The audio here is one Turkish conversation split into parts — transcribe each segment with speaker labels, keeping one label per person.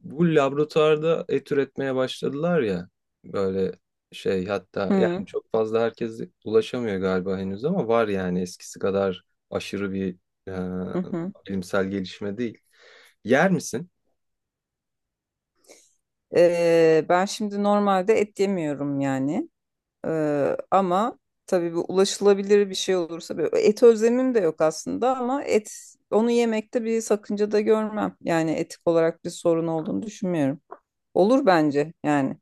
Speaker 1: Bu laboratuvarda et üretmeye başladılar ya, böyle şey hatta
Speaker 2: Hı
Speaker 1: yani çok fazla herkes ulaşamıyor galiba henüz ama var yani eskisi kadar aşırı bir
Speaker 2: hı. Hı.
Speaker 1: bilimsel gelişme değil. Yer misin?
Speaker 2: Ben şimdi normalde et yemiyorum yani. Ama tabii bu ulaşılabilir bir şey olursa böyle et özlemim de yok aslında ama et onu yemekte bir sakınca da görmem. Yani etik olarak bir sorun olduğunu düşünmüyorum. Olur bence yani.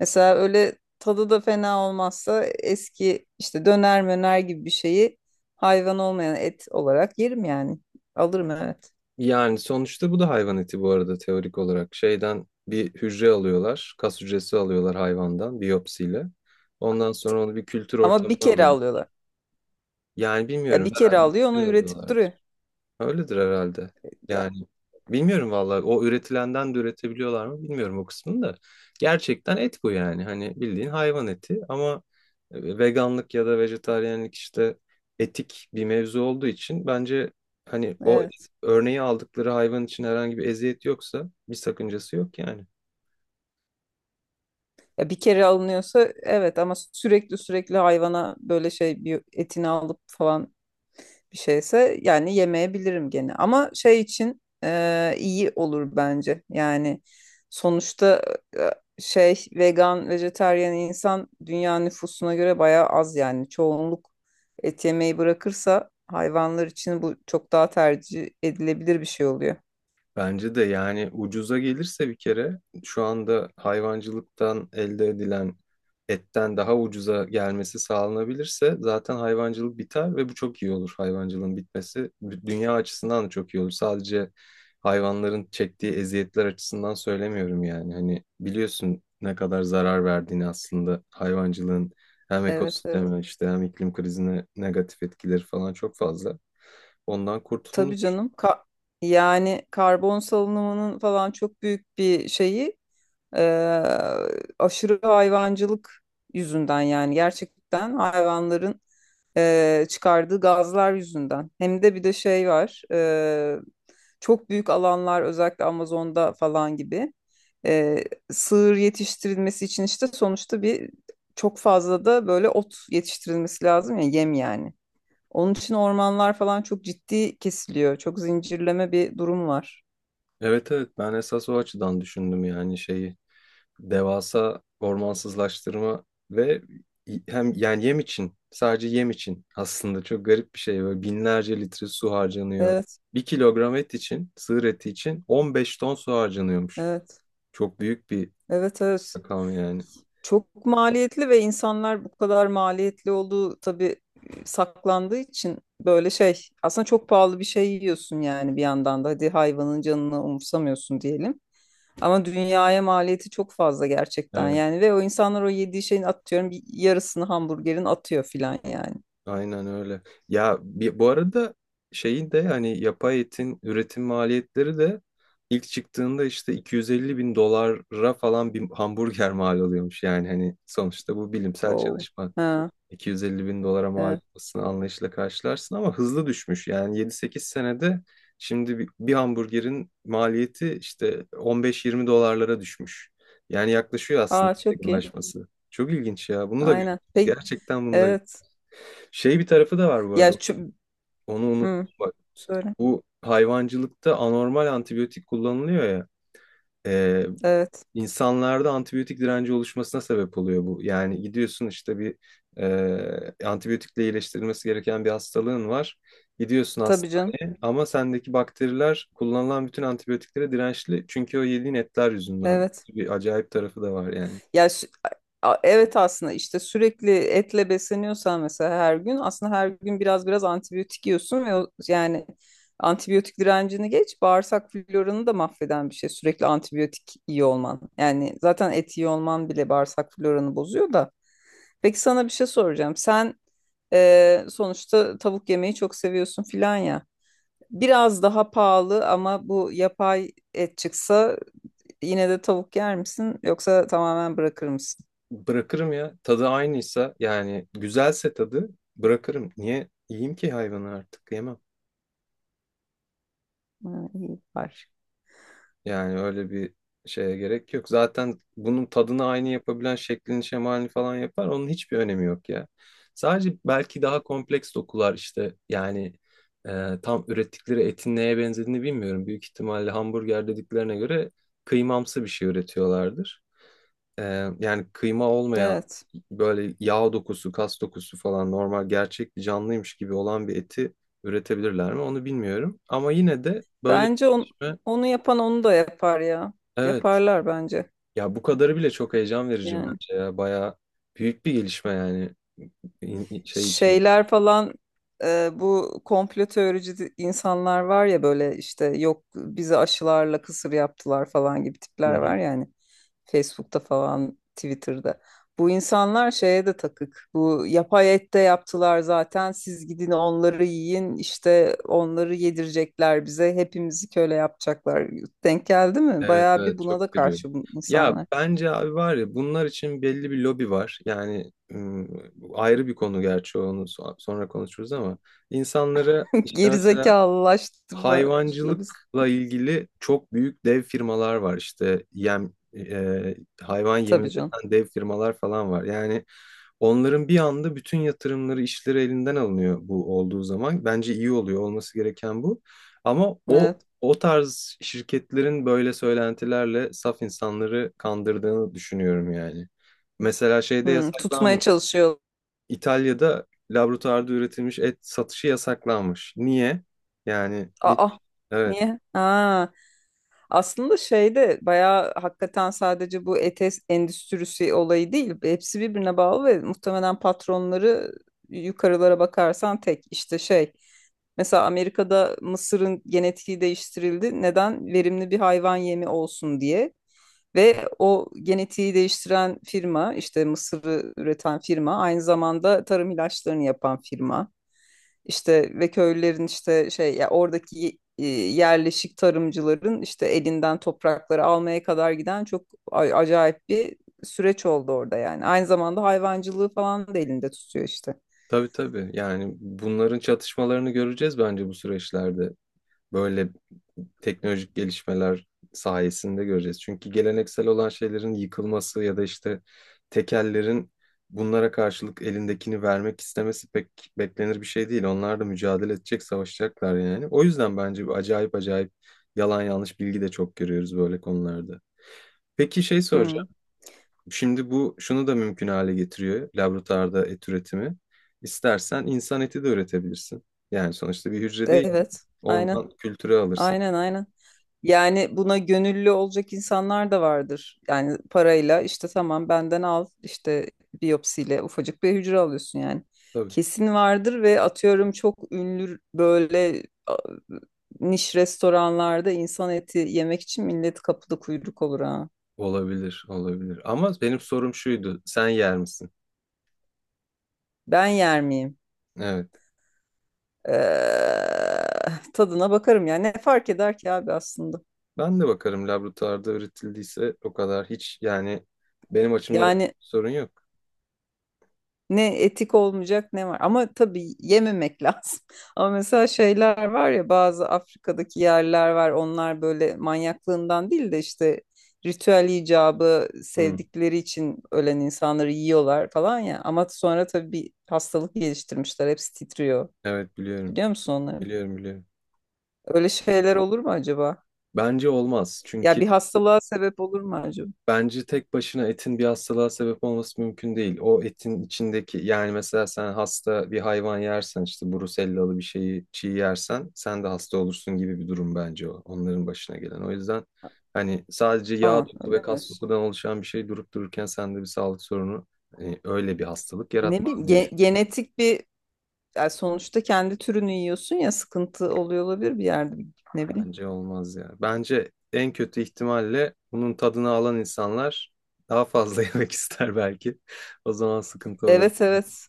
Speaker 2: Mesela öyle tadı da fena olmazsa eski işte döner möner gibi bir şeyi hayvan olmayan et olarak yerim yani. Alırım, evet.
Speaker 1: Yani sonuçta bu da hayvan eti bu arada, teorik olarak. Şeyden bir hücre alıyorlar, kas hücresi alıyorlar hayvandan biyopsiyle. Ondan sonra onu bir kültür
Speaker 2: Ama bir
Speaker 1: ortamına
Speaker 2: kere
Speaker 1: alıyorlar.
Speaker 2: alıyorlar.
Speaker 1: Yani
Speaker 2: Ya
Speaker 1: bilmiyorum,
Speaker 2: bir kere
Speaker 1: herhalde bir
Speaker 2: alıyor, onu
Speaker 1: kere
Speaker 2: üretip
Speaker 1: alıyorlardır.
Speaker 2: duruyor.
Speaker 1: Öyledir herhalde. Yani bilmiyorum vallahi, o üretilenden de üretebiliyorlar mı bilmiyorum o kısmını da. Gerçekten et bu yani. Hani bildiğin hayvan eti ama veganlık ya da vejetaryenlik işte etik bir mevzu olduğu için bence hani o
Speaker 2: Evet.
Speaker 1: örneği aldıkları hayvan için herhangi bir eziyet yoksa bir sakıncası yok yani.
Speaker 2: Ya bir kere alınıyorsa evet, ama sürekli hayvana böyle şey bir etini alıp falan bir şeyse yani yemeyebilirim gene. Ama şey için iyi olur bence. Yani sonuçta e, şey vegan, vejetaryen insan dünya nüfusuna göre bayağı az yani. Çoğunluk et yemeyi bırakırsa hayvanlar için bu çok daha tercih edilebilir bir şey oluyor.
Speaker 1: Bence de yani, ucuza gelirse bir kere, şu anda hayvancılıktan elde edilen etten daha ucuza gelmesi sağlanabilirse zaten hayvancılık biter ve bu çok iyi olur, hayvancılığın bitmesi. Dünya açısından da çok iyi olur. Sadece hayvanların çektiği eziyetler açısından söylemiyorum yani. Hani biliyorsun ne kadar zarar verdiğini aslında hayvancılığın, hem
Speaker 2: Evet, evet.
Speaker 1: ekosisteme işte, hem iklim krizine negatif etkileri falan çok fazla. Ondan
Speaker 2: Tabii
Speaker 1: kurtulunur.
Speaker 2: canım. Yani karbon salınımının falan çok büyük bir şeyi Ee, aşırı hayvancılık yüzünden, yani gerçekten hayvanların çıkardığı gazlar yüzünden. Hem de bir de şey var. Çok büyük alanlar özellikle Amazon'da falan gibi e, sığır yetiştirilmesi için, işte sonuçta bir çok fazla da böyle ot yetiştirilmesi lazım ya, yem yani. Onun için ormanlar falan çok ciddi kesiliyor. Çok zincirleme bir durum var.
Speaker 1: Evet, evet, ben esas o açıdan düşündüm yani şeyi, devasa ormansızlaştırma ve hem yani yem için, sadece yem için aslında çok garip bir şey, böyle binlerce litre su harcanıyor.
Speaker 2: Evet,
Speaker 1: Bir kilogram et için, sığır eti için 15 ton su harcanıyormuş.
Speaker 2: evet,
Speaker 1: Çok büyük bir
Speaker 2: evet, evet.
Speaker 1: rakam yani.
Speaker 2: Çok maliyetli ve insanlar bu kadar maliyetli olduğu tabii saklandığı için böyle şey aslında çok pahalı bir şey yiyorsun yani, bir yandan da hadi hayvanın canını umursamıyorsun diyelim. Ama dünyaya maliyeti çok fazla gerçekten
Speaker 1: Evet.
Speaker 2: yani, ve o insanlar o yediği şeyin atıyorum bir yarısını hamburgerin atıyor filan yani.
Speaker 1: Aynen öyle. Ya, bu arada şeyin de, hani yapay etin üretim maliyetleri de ilk çıktığında işte 250 bin dolara falan bir hamburger mal oluyormuş. Yani hani sonuçta bu bilimsel
Speaker 2: Oh.
Speaker 1: çalışma.
Speaker 2: Ha,
Speaker 1: 250 bin dolara mal
Speaker 2: evet.
Speaker 1: olmasını anlayışla karşılarsın ama hızlı düşmüş. Yani 7-8 senede şimdi bir hamburgerin maliyeti işte 15-20 dolarlara düşmüş. Yani yaklaşıyor aslında,
Speaker 2: Aa, çok iyi.
Speaker 1: yakınlaşması. Çok ilginç ya. Bunu da
Speaker 2: Aynen.
Speaker 1: görüyoruz.
Speaker 2: Peki.
Speaker 1: Gerçekten bunu da,
Speaker 2: Evet.
Speaker 1: şey bir tarafı da var bu arada.
Speaker 2: Ya şu...
Speaker 1: Onu unuttum
Speaker 2: Hı.
Speaker 1: bak.
Speaker 2: Söyle.
Speaker 1: Bu hayvancılıkta anormal antibiyotik kullanılıyor ya. E,
Speaker 2: Evet.
Speaker 1: insanlarda antibiyotik direnci oluşmasına sebep oluyor bu. Yani gidiyorsun işte, bir antibiyotikle iyileştirilmesi gereken bir hastalığın var. Gidiyorsun
Speaker 2: Tabii canım.
Speaker 1: hastaneye ama sendeki bakteriler kullanılan bütün antibiyotiklere dirençli. Çünkü o yediğin etler yüzünden.
Speaker 2: Evet.
Speaker 1: Bir acayip tarafı da var yani.
Speaker 2: Ya sü- evet aslında işte sürekli etle besleniyorsan mesela her gün, aslında her gün biraz antibiyotik yiyorsun ve yani antibiyotik direncini geç, bağırsak floranı da mahveden bir şey sürekli antibiyotik iyi olman. Yani zaten et iyi olman bile bağırsak floranı bozuyor da. Peki sana bir şey soracağım. Sen sonuçta tavuk yemeyi çok seviyorsun filan ya. Biraz daha pahalı ama bu yapay et çıksa yine de tavuk yer misin, yoksa tamamen bırakır mısın?
Speaker 1: Bırakırım ya. Tadı aynıysa yani, güzelse tadı bırakırım. Niye yiyeyim ki, hayvanı artık yemem.
Speaker 2: Ha, iyi var.
Speaker 1: Yani öyle bir şeye gerek yok. Zaten bunun tadını aynı yapabilen şeklini şemalini falan yapar. Onun hiçbir önemi yok ya. Sadece belki daha kompleks dokular işte, yani tam ürettikleri etin neye benzediğini bilmiyorum. Büyük ihtimalle hamburger dediklerine göre kıymamsı bir şey üretiyorlardır. Yani kıyma olmayan,
Speaker 2: Evet.
Speaker 1: böyle yağ dokusu, kas dokusu falan normal gerçek bir canlıymış gibi olan bir eti üretebilirler mi, onu bilmiyorum. Ama yine de böyle bir
Speaker 2: Bence on-
Speaker 1: gelişme,
Speaker 2: Onu yapan onu da yapar ya.
Speaker 1: evet
Speaker 2: Yaparlar bence.
Speaker 1: ya, bu kadarı bile çok heyecan verici
Speaker 2: Yani.
Speaker 1: bence, ya bayağı büyük bir gelişme yani şey için.
Speaker 2: Şeyler falan bu komplo teorici insanlar var ya, böyle işte yok bizi aşılarla kısır yaptılar falan gibi
Speaker 1: Hı
Speaker 2: tipler
Speaker 1: hı.
Speaker 2: var yani, Facebook'ta falan, Twitter'da. Bu insanlar şeye de takık. Bu yapay et de yaptılar zaten, siz gidin onları yiyin. İşte onları yedirecekler bize. Hepimizi köle yapacaklar. Denk geldi mi?
Speaker 1: Evet,
Speaker 2: Bayağı bir
Speaker 1: evet,
Speaker 2: buna da
Speaker 1: çok görüyorum.
Speaker 2: karşı bu
Speaker 1: Ya
Speaker 2: insanlar.
Speaker 1: bence abi, var ya, bunlar için belli bir lobi var. Yani ayrı bir konu gerçi, onu sonra konuşuruz ama insanları işte mesela
Speaker 2: Gerizekalılaştırma üslubu.
Speaker 1: hayvancılıkla ilgili çok büyük dev firmalar var işte, yem hayvan yemi
Speaker 2: Tabii canım.
Speaker 1: üreten dev firmalar falan var. Yani onların bir anda bütün yatırımları, işleri elinden alınıyor bu olduğu zaman. Bence iyi oluyor, olması gereken bu. Ama o
Speaker 2: Evet.
Speaker 1: o tarz şirketlerin böyle söylentilerle saf insanları kandırdığını düşünüyorum yani. Mesela şeyde
Speaker 2: Hmm, tutmaya
Speaker 1: yasaklanmış.
Speaker 2: çalışıyor.
Speaker 1: İtalya'da laboratuvarda üretilmiş et satışı yasaklanmış. Niye? Yani hiç,
Speaker 2: Aa,
Speaker 1: evet,
Speaker 2: niye? Aa, aslında şeyde bayağı hakikaten sadece bu ETS endüstrisi olayı değil. Hepsi birbirine bağlı ve muhtemelen patronları yukarılara bakarsan tek işte şey. Mesela Amerika'da mısırın genetiği değiştirildi. Neden? Verimli bir hayvan yemi olsun diye. Ve o genetiği değiştiren firma, işte mısırı üreten firma, aynı zamanda tarım ilaçlarını yapan firma. İşte ve köylülerin işte şey ya, oradaki yerleşik tarımcıların işte elinden toprakları almaya kadar giden çok acayip bir süreç oldu orada yani. Aynı zamanda hayvancılığı falan da elinde tutuyor işte.
Speaker 1: tabii tabii, yani bunların çatışmalarını göreceğiz bence bu süreçlerde. Böyle teknolojik gelişmeler sayesinde göreceğiz. Çünkü geleneksel olan şeylerin yıkılması ya da işte tekellerin bunlara karşılık elindekini vermek istemesi pek beklenir bir şey değil. Onlar da mücadele edecek, savaşacaklar yani. O yüzden bence bu acayip acayip yalan yanlış bilgi de çok görüyoruz böyle konularda. Peki, şey
Speaker 2: Hı,
Speaker 1: soracağım. Şimdi bu şunu da mümkün hale getiriyor, laboratuvarda et üretimi. İstersen insan eti de üretebilirsin. Yani sonuçta bir hücre, değil mi?
Speaker 2: evet. Aynen.
Speaker 1: Ondan kültüre alırsın.
Speaker 2: Aynen. Yani buna gönüllü olacak insanlar da vardır. Yani parayla, işte tamam benden al, işte biyopsiyle ufacık bir hücre alıyorsun yani.
Speaker 1: Tabii.
Speaker 2: Kesin vardır ve atıyorum çok ünlü böyle niş restoranlarda insan eti yemek için millet kapıda kuyruk olur ha.
Speaker 1: Olabilir, olabilir. Ama benim sorum şuydu. Sen yer misin?
Speaker 2: Ben yer miyim?
Speaker 1: Evet.
Speaker 2: Eee, Tadına bakarım yani, ne fark eder ki abi aslında.
Speaker 1: Ben de bakarım, laboratuvarda üretildiyse o kadar hiç yani, benim açımdan
Speaker 2: Yani
Speaker 1: sorun yok.
Speaker 2: ne etik olmayacak ne var. Ama tabii yememek lazım. Ama mesela şeyler var ya, bazı Afrika'daki yerler var. Onlar böyle manyaklığından değil de işte ritüel icabı
Speaker 1: Hı.
Speaker 2: sevdikleri için ölen insanları yiyorlar falan ya. Ama sonra tabii bir hastalık geliştirmişler. Hepsi titriyor.
Speaker 1: Evet, biliyorum.
Speaker 2: Biliyor musun onları?
Speaker 1: Biliyorum, biliyorum.
Speaker 2: Öyle şeyler olur mu acaba?
Speaker 1: Bence olmaz.
Speaker 2: Ya
Speaker 1: Çünkü
Speaker 2: bir hastalığa sebep olur mu acaba?
Speaker 1: bence tek başına etin bir hastalığa sebep olması mümkün değil. O etin içindeki, yani mesela sen hasta bir hayvan yersen, işte brusellalı bir şeyi çiğ yersen sen de hasta olursun gibi bir durum bence o, onların başına gelen. O yüzden hani sadece yağ
Speaker 2: Aa,
Speaker 1: doku
Speaker 2: öyle
Speaker 1: ve
Speaker 2: mi
Speaker 1: kas
Speaker 2: diyorsun?
Speaker 1: dokudan oluşan bir şey durup dururken sende bir sağlık sorunu, hani öyle bir hastalık
Speaker 2: Ne
Speaker 1: yaratmaz
Speaker 2: bileyim,
Speaker 1: diye düşünüyorum.
Speaker 2: genetik bir, yani sonuçta kendi türünü yiyorsun ya, sıkıntı oluyor olabilir bir yerde, ne bileyim.
Speaker 1: Bence olmaz ya. Bence en kötü ihtimalle bunun tadını alan insanlar daha fazla yemek ister belki. O zaman sıkıntı olabilir.
Speaker 2: Evet, evet.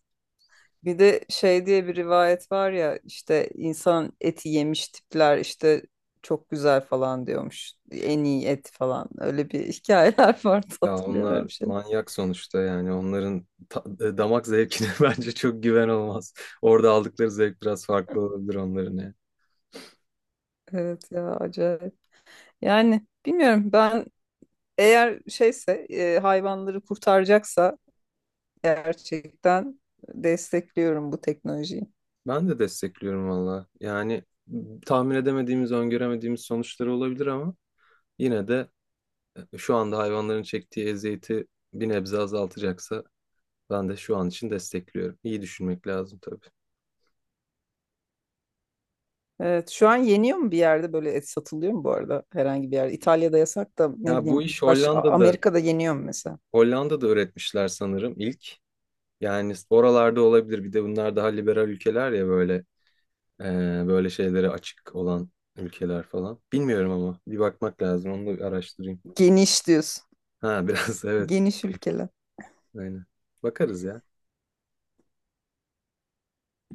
Speaker 2: Bir de şey diye bir rivayet var ya, işte insan eti yemiş tipler işte çok güzel falan diyormuş. En iyi et falan. Öyle bir hikayeler vardı,
Speaker 1: Ya
Speaker 2: hatırlıyorum öyle
Speaker 1: onlar
Speaker 2: bir şey.
Speaker 1: manyak sonuçta yani, onların damak zevkine bence çok güven olmaz. Orada aldıkları zevk biraz farklı olabilir onların ya.
Speaker 2: Evet ya, acayip. Yani bilmiyorum, ben eğer şeyse hayvanları kurtaracaksa gerçekten destekliyorum bu teknolojiyi.
Speaker 1: Ben de destekliyorum valla. Yani tahmin edemediğimiz, öngöremediğimiz sonuçları olabilir ama yine de şu anda hayvanların çektiği eziyeti bir nebze azaltacaksa ben de şu an için destekliyorum. İyi düşünmek lazım tabii.
Speaker 2: Evet, şu an yeniyor mu bir yerde, böyle et satılıyor mu bu arada herhangi bir yerde? İtalya'da yasak da, ne
Speaker 1: Ya bu
Speaker 2: bileyim
Speaker 1: iş
Speaker 2: baş
Speaker 1: Hollanda'da
Speaker 2: Amerika'da yeniyor mu mesela?
Speaker 1: Hollanda'da öğretmişler sanırım ilk. Yani oralarda olabilir. Bir de bunlar daha liberal ülkeler ya, böyle e, böyle şeylere açık olan ülkeler falan. Bilmiyorum ama bir bakmak lazım. Onu da araştırayım.
Speaker 2: Geniş diyorsun.
Speaker 1: Ha biraz, evet.
Speaker 2: Geniş ülkeler.
Speaker 1: Aynen. Bakarız ya.